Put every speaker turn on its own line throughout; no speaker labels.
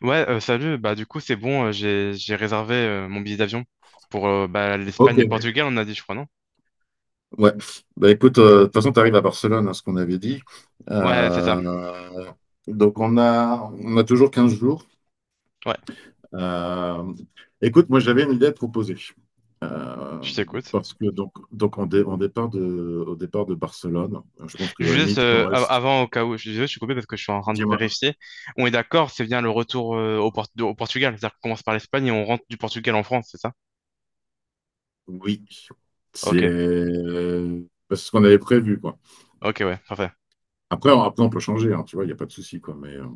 Ouais, salut. Bah, du coup, c'est bon. J'ai réservé mon billet d'avion pour bah, l'Espagne
Ok,
et le Portugal, on a dit, je crois, non?
ouais. Bah écoute, de toute façon, tu arrives à Barcelone, hein, ce qu'on avait dit.
Ouais, c'est ça.
Euh, donc on a toujours 15 jours.
Ouais,
Euh, Écoute, moi j'avais une idée à te proposer. Euh,
je t'écoute.
Parce que donc on, dé- on départ de, au départ de Barcelone. Je pense que à la
Juste
limite, on reste.
avant, au cas où, je suis coupé parce que je suis en train de
Dis-moi.
vérifier. On est d'accord, c'est bien le retour au Portugal. C'est-à-dire qu'on commence par l'Espagne et on rentre du Portugal en France, c'est ça?
Oui. C'est
Ok,
c'est ce qu'on avait prévu, quoi.
ok, ouais, parfait.
Après, on peut changer, hein, tu vois, il n'y a pas de souci, quoi. Mais, euh,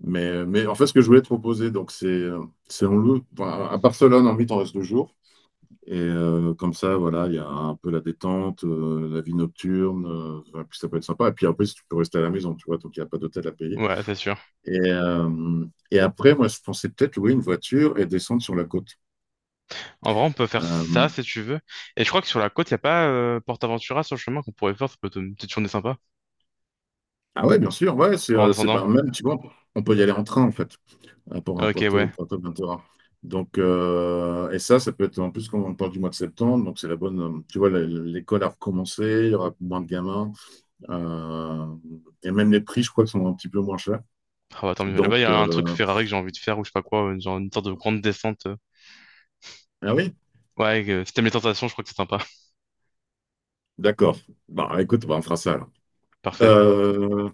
Mais, mais en fait, ce que je voulais te proposer, donc c'est on loue enfin, à Barcelone en vite, on reste 2 jours. Comme ça, voilà, il y a un peu la détente, la vie nocturne, enfin, puis ça peut être sympa. Et puis après, si tu peux rester à la maison, tu vois, donc il n'y a pas d'hôtel à payer.
Ouais, c'est sûr.
Et après, moi, je pensais peut-être louer une voiture et descendre sur la côte.
En vrai, on peut faire ça
Euh,
si tu veux. Et je crois que sur la côte, il n'y a pas PortAventura sur le chemin qu'on pourrait faire. Ça peut être une petite journée sympa
ah ouais, bien sûr, ouais,
en
c'est
descendant.
pas même, tu vois, on peut y aller en train en fait. Pour un
Ok, ouais.
Porto Ventura. Et ça peut être en plus quand on parle du mois de septembre, donc c'est la bonne. Tu vois, l'école a recommencé, il y aura moins de gamins, euh, et même les prix, je crois, sont un petit peu moins chers.
Ah bah tant mieux.
Donc,
Là-bas, il y a un truc
euh,
Ferrari que j'ai envie de faire ou je sais pas quoi, genre une sorte de grande descente.
ah oui,
Ouais, si t'aimes les tentations, je crois que c'est sympa.
d'accord. Bon, écoute, bah, on fera ça alors.
Parfait.
Euh,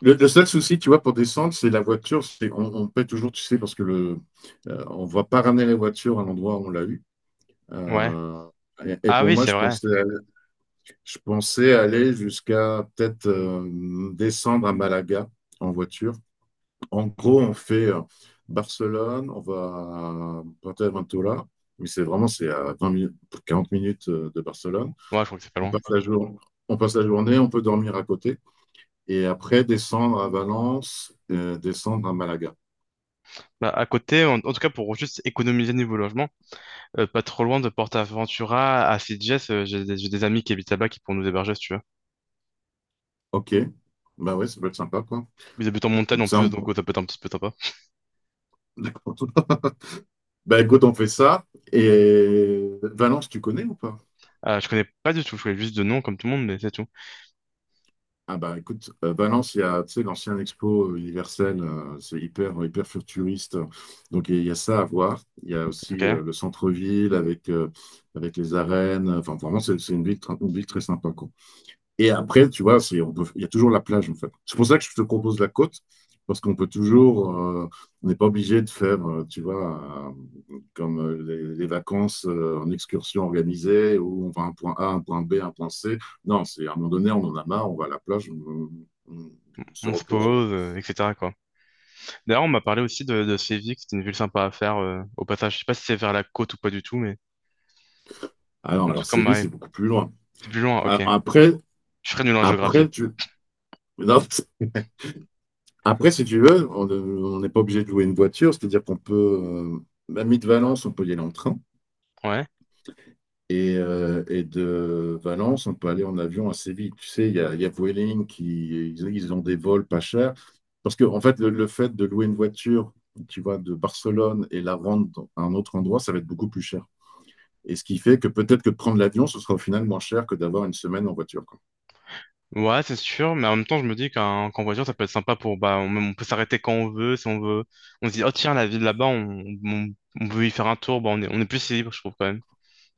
le seul souci, tu vois, pour descendre, c'est la voiture. On paie toujours, tu sais, parce que on ne va pas ramener la voiture à l'endroit où on l'a eu.
Ouais.
Euh, et
Ah
pour
oui,
moi,
c'est
je
vrai.
pensais Je pensais aller jusqu'à peut-être descendre à Malaga en voiture. En gros, on fait Barcelone, on va à Fuerteventura, mais c'est vraiment, c'est à 20 minutes, 40 minutes, de Barcelone.
Ouais, je crois que c'est pas
On
loin.
passe la jour- on passe la journée, on peut dormir à côté et après descendre à Valence, descendre à Malaga.
Bah, à côté, en tout cas pour juste économiser niveau logement, pas trop loin de PortAventura à Sitges, j'ai des amis qui habitent là-bas qui pourront nous héberger si tu veux.
Ok, bah ouais, ça peut être sympa, quoi.
Ils habitent en montagne
Comme
en
ça,
plus,
on...
donc ça peut être un petit peu sympa.
Bah écoute, on fait ça. Et Valence, tu connais ou pas?
Je connais pas du tout, je connais juste de nom comme tout le monde, mais c'est tout.
Ah bah écoute, Valence, il y a, tu sais, l'ancien Expo universel, c'est hyper, hyper futuriste. Donc il y a ça à voir. Il y a aussi
Ok.
le centre-ville avec les arènes. Enfin, vraiment, c'est une une ville très sympa, quoi. Et après, tu vois, il y a toujours la plage, en fait. C'est pour ça que je te propose la côte, parce qu'on peut toujours, on n'est pas obligé de faire, tu vois, comme les vacances en excursion organisée, où on va à un point A, un point B, un point C. Non, c'est à un moment donné, on en a marre, on va à la plage, on se
On se
repose, quoi.
pose, etc., quoi. D'ailleurs, on m'a parlé aussi de Séville, que c'était une ville sympa à faire au passage. Je sais pas si c'est vers la côte ou pas du tout, mais.
Ah non,
En tout
alors
cas,
Séville,
ouais,
c'est beaucoup plus loin.
c'est plus loin,
A-
ok.
Après,
Je serais nul en géographie.
après, tu... non, après, si tu veux, on n'est pas obligé de louer une voiture, c'est-à-dire qu'on peut, même de Valence, on peut y aller en train.
Ouais.
Et de Valence, on peut aller en avion assez vite. Tu sais, il y a Vueling ils ont des vols pas chers. Parce que, en fait, le fait de louer une voiture, tu vois, de Barcelone et la rendre dans un autre endroit, ça va être beaucoup plus cher. Et ce qui fait que peut-être que de prendre l'avion, ce sera au final moins cher que d'avoir une semaine en voiture, quoi.
Ouais, c'est sûr, mais en même temps, je me dis qu'en voiture, ça peut être sympa pour, bah, on peut s'arrêter quand on veut, si on veut. On se dit, oh tiens, la ville là-bas, on veut y faire un tour, bah, on est plus libre, je trouve, quand même,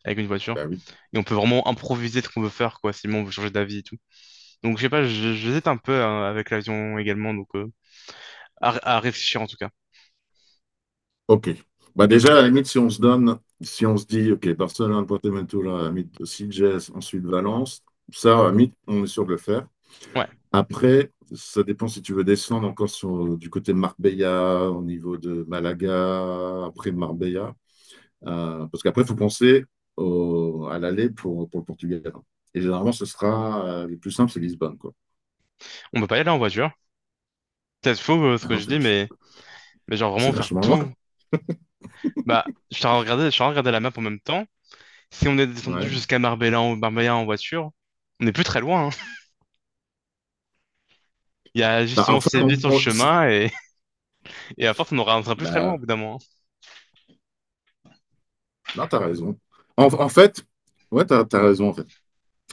avec une voiture.
Bah oui.
Et on peut vraiment improviser ce qu'on veut faire, quoi, si on veut changer d'avis et tout. Donc, je sais pas, j'hésite un peu avec l'avion également, donc, à réfléchir en tout cas.
OK. Bah déjà, à la limite, si on se dit, OK, Barcelone, Porto-Ventura, à la limite, Sitges, ensuite Valence, ça, à la limite, on est sûr de le faire.
Ouais.
Après, ça dépend si tu veux descendre encore sur, du côté de Marbella, au niveau de Malaga, après Marbella. Parce qu'après, il faut penser à l'aller pour le Portugal. Et généralement, le plus simple, c'est Lisbonne, quoi.
On peut pas y aller en voiture. Peut-être faux, ce
Ah
que
non,
je dis, mais, genre vraiment
c'est
faire
vachement loin.
tout. Bah, je suis en train de regarder la map en même temps. Si on est descendu
Ouais.
jusqu'à Marbella en voiture, on n'est plus très loin, hein. Il y a
Bah,
justement
en fait,
ces villes sur le chemin et, et à force, on sera plus très loin
bah,
au bout d'un moment.
Non, t'as raison. En fait, ouais, t'as raison, en fait.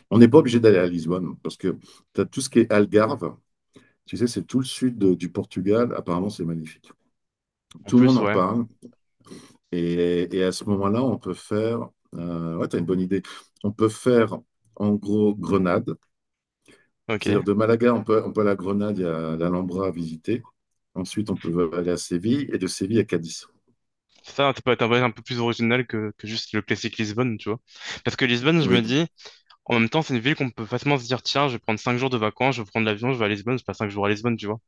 On n'est pas obligé d'aller à Lisbonne parce que t'as tout ce qui est Algarve. Tu sais, c'est tout le sud du Portugal. Apparemment, c'est magnifique.
En
Tout le monde
plus,
en
ouais.
parle. Et à ce moment-là, on peut faire. Ouais, t'as une bonne idée. On peut faire, en gros, Grenade.
Ok.
C'est-à-dire de Malaga, on peut aller à Grenade, il y a l'Alhambra à visiter. Ensuite, on peut aller à Séville et de Séville à Cadiz.
Ça peut être un voyage un peu plus original que juste le classique Lisbonne, tu vois. Parce que Lisbonne, je me
Oui,
dis, en même temps, c'est une ville qu'on peut facilement se dire, tiens, je vais prendre 5 jours de vacances, je vais prendre l'avion, je vais à Lisbonne, je passe 5 jours à Lisbonne, tu vois.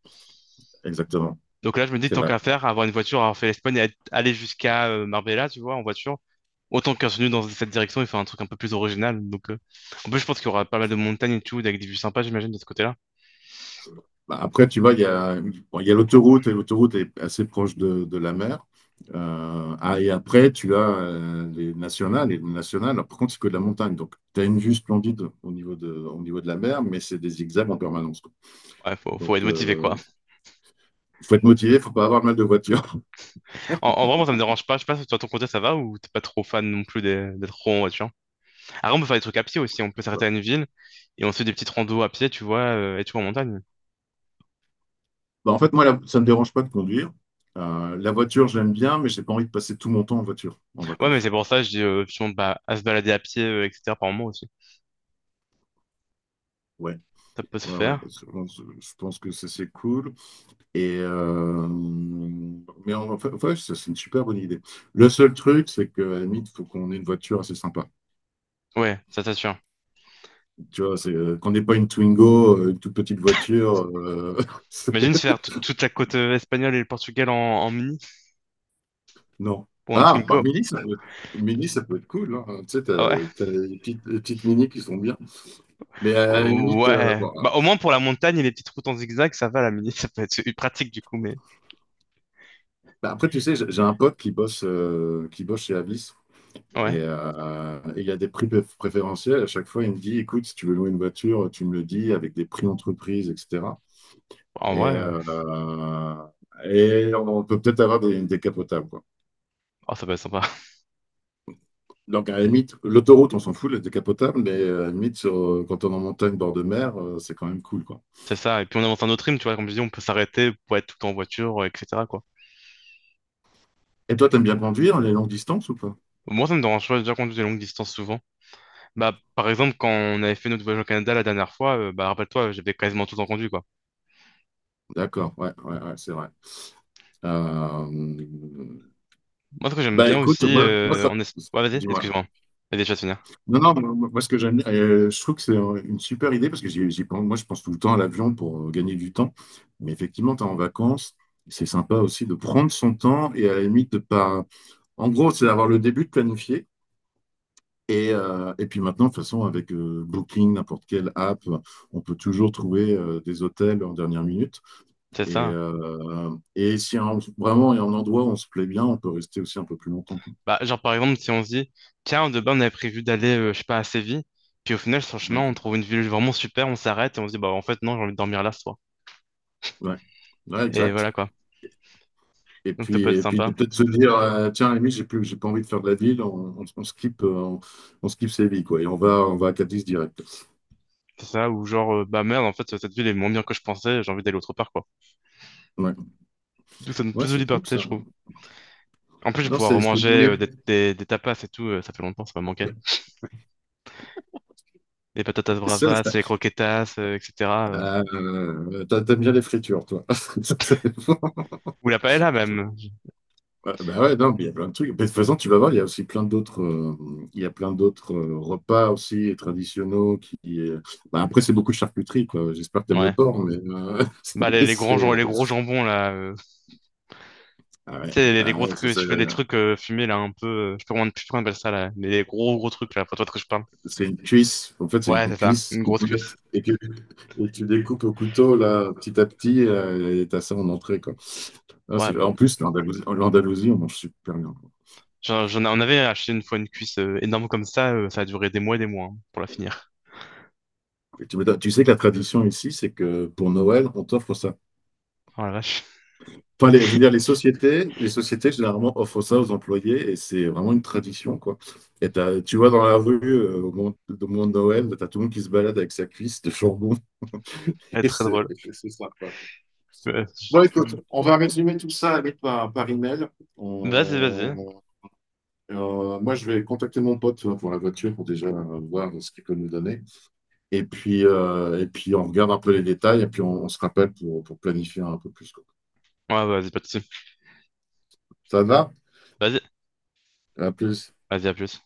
exactement.
Donc là, je me dis,
C'est
tant
vrai.
qu'à faire, avoir une voiture, avoir fait l'Espagne et aller jusqu'à Marbella, tu vois, en voiture, autant qu'un continue dans cette direction et faire un truc un peu plus original. Donc, en plus, je pense qu'il y aura pas mal de montagnes et tout, avec des vues sympas, j'imagine, de ce côté-là.
Bah, après, tu vois, il y a l'autoroute et l'autoroute est assez proche de la mer. Et après, tu as les nationales. Et les nationales, alors, par contre, c'est que de la montagne. Donc, tu as une vue splendide au niveau de la mer, mais c'est des zigzags en permanence, quoi.
Ouais, faut
Donc,
être
il
motivé, quoi.
faut être motivé, faut pas avoir mal de voiture.
En vrai, moi, ça me dérange pas. Je sais pas si toi, ton côté, ça va ou t'es pas trop fan non plus d'être trop en voiture. Après, on peut faire des trucs à pied aussi. On peut s'arrêter
Voilà.
à une ville et on se fait des petites randos à pied, tu vois, et tu vois, en montagne.
Bah, en fait, moi, ça me dérange pas de conduire. La voiture, j'aime bien, mais j'ai pas envie de passer tout mon temps en voiture, en
Ouais, mais
vacances.
c'est pour ça, je dis, justement, bah, à se balader à pied, etc., par moment aussi.
Ouais,
Ça peut se
ouais, ouais.
faire.
Je pense que ça, c'est cool. Et euh, mais en fait, ouais, c'est une super bonne idée. Le seul truc, c'est qu'à la limite, il faut qu'on ait une voiture assez sympa.
Ouais, ça t'assure.
Tu vois, c'est qu'on n'ait pas une Twingo, une toute petite voiture. C'est-
Imagine se faire toute la côte espagnole et le Portugal en mini
non.
pour un
Ah, bah
Twingo.
Mini, ça peut être cool, hein. Tu sais,
Ah ouais?
t'as les petites Mini qui sont bien. Mais à la limite,
Ouais.
bon,
Bah, au moins pour la montagne et les petites routes en zigzag, ça va la mini, ça peut être pratique du coup, mais
bah, après, tu sais, j'ai un pote qui bosse chez Avis. Et
ouais.
euh, et il y a des prix préférentiels. À chaque fois, il me dit, écoute, si tu veux louer une voiture, tu me le dis avec des prix entreprises, etc.
En
Et,
vrai,
euh, et on peut peut-être avoir des capotables, quoi.
oh, ça peut être sympa.
Donc, à la limite, l'autoroute, on s'en fout, les décapotables, mais à la limite, quand on est en montagne, bord de mer, c'est quand même cool, quoi.
C'est ça. Et puis on avance un autre rythme, tu vois, comme je dis, on peut s'arrêter pour être tout le temps en voiture, etc., quoi.
Et toi, t'aimes bien conduire les longues distances ou pas?
Moi, ça me dérange pas, j'ai déjà conduire des longues distances souvent. Bah, par exemple, quand on avait fait notre voyage au Canada la dernière fois, bah, rappelle-toi, j'avais quasiment tout le temps conduit, quoi.
D'accord, ouais, ouais, ouais, c'est vrai. Euh,
Moi, ce que j'aime
Bah
bien
écoute,
aussi,
moi ça...
ouais, vas-y,
Dis-moi.
excuse-moi. Vas-y, je vais te finir.
Non, non, ce que j'aime, je trouve que c'est une super idée parce que moi, je pense tout le temps à l'avion pour gagner du temps. Mais effectivement, tu es en vacances, c'est sympa aussi de prendre son temps et à la limite de pas. En gros, c'est d'avoir le début de planifier. Et puis maintenant, de toute façon, avec Booking, n'importe quelle app, on peut toujours trouver des hôtels en dernière minute.
C'est
Et,
ça.
euh, et si un- vraiment il y a un endroit où on se plaît bien, on peut rester aussi un peu plus longtemps, quoi.
Bah, genre, par exemple, si on se dit, tiens, de base, on avait prévu d'aller, je sais pas, à Séville, puis au final, sur le chemin, on
Oui,
trouve une ville vraiment super, on s'arrête et on se dit, bah, en fait, non, j'ai envie de dormir là ce soir.
ouais. Ouais,
Et
exact.
voilà, quoi.
Et
Donc, ça
puis,
peut être
et puis de
sympa.
peut-être se dire, tiens, à la limite, j'ai pas envie de faire de la ville, on skip Séville, quoi, et on va à Cadiz direct.
C'est ça, ou genre, bah, merde, en fait, cette ville est moins bien que je pensais, j'ai envie d'aller autre part, quoi.
Ouais,
Donc, ça donne
Ouais,
plus de
c'est cool,
liberté,
ça.
je trouve. En plus, je vais
Non,
pouvoir remanger des tapas et tout, ça fait longtemps, ça m'a manqué. Les patatas
ça,
bravas,
ça-
les croquetas, etc. euh.
t'aimes bien les fritures, toi. Ça, c'est bon.
Ou la paella, même.
Ouais, bah ouais, non, mais il y a plein de trucs. Mais de toute façon, tu vas voir, il y a plein d'autres repas aussi traditionnels qui. Bah, après, c'est beaucoup de charcuterie, quoi. J'espère que t'aimes le
Ouais.
porc, mais
Bah, les, les grands, jam- les gros jambons, là.
Ah ouais,
Tu sais, les
ah
gros
ouais, ça,
trucs,
c'est.
je fais des trucs fumés, là, un peu. Je sais pas comment on appelle ça, là. Les gros, gros trucs, là. Pour toi de quoi je parle.
C'est une cuisse. En fait, c'est
Ouais,
une
c'est ça.
cuisse
Une
qu'ils
grosse
te
cuisse.
mettent et et tu découpes au couteau là, petit à petit, et t'as ça en entrée, quoi. Ah,
Ouais,
en plus, l'Andalousie, on mange super bien.
on avait acheté une fois une cuisse énorme comme ça. Ça a duré des mois et des mois, hein, pour la finir.
Tu sais que la tradition ici, c'est que pour Noël, on t'offre ça.
Oh la vache.
Enfin, je veux dire, les sociétés généralement offrent ça aux employés et c'est vraiment une tradition, quoi. Tu vois dans la rue, au moment de Noël, t'as tout le monde qui se balade avec sa cuisse de chambon.
Elle est
Et
très
c'est
drôle.
c'est sympa, quoi.
Ouais.
Bon, écoute, on va résumer tout ça par email.
Vas-y, vas-y.
On- Moi, je vais contacter mon pote pour la voiture pour déjà voir ce qu'il peut nous donner. Et puis, on regarde un peu les détails et puis on se rappelle pour planifier un peu plus, quoi.
Ouais, vas-y, pas de soucis.
Ça va?
Vas-y,
À plus.
vas-y, à plus.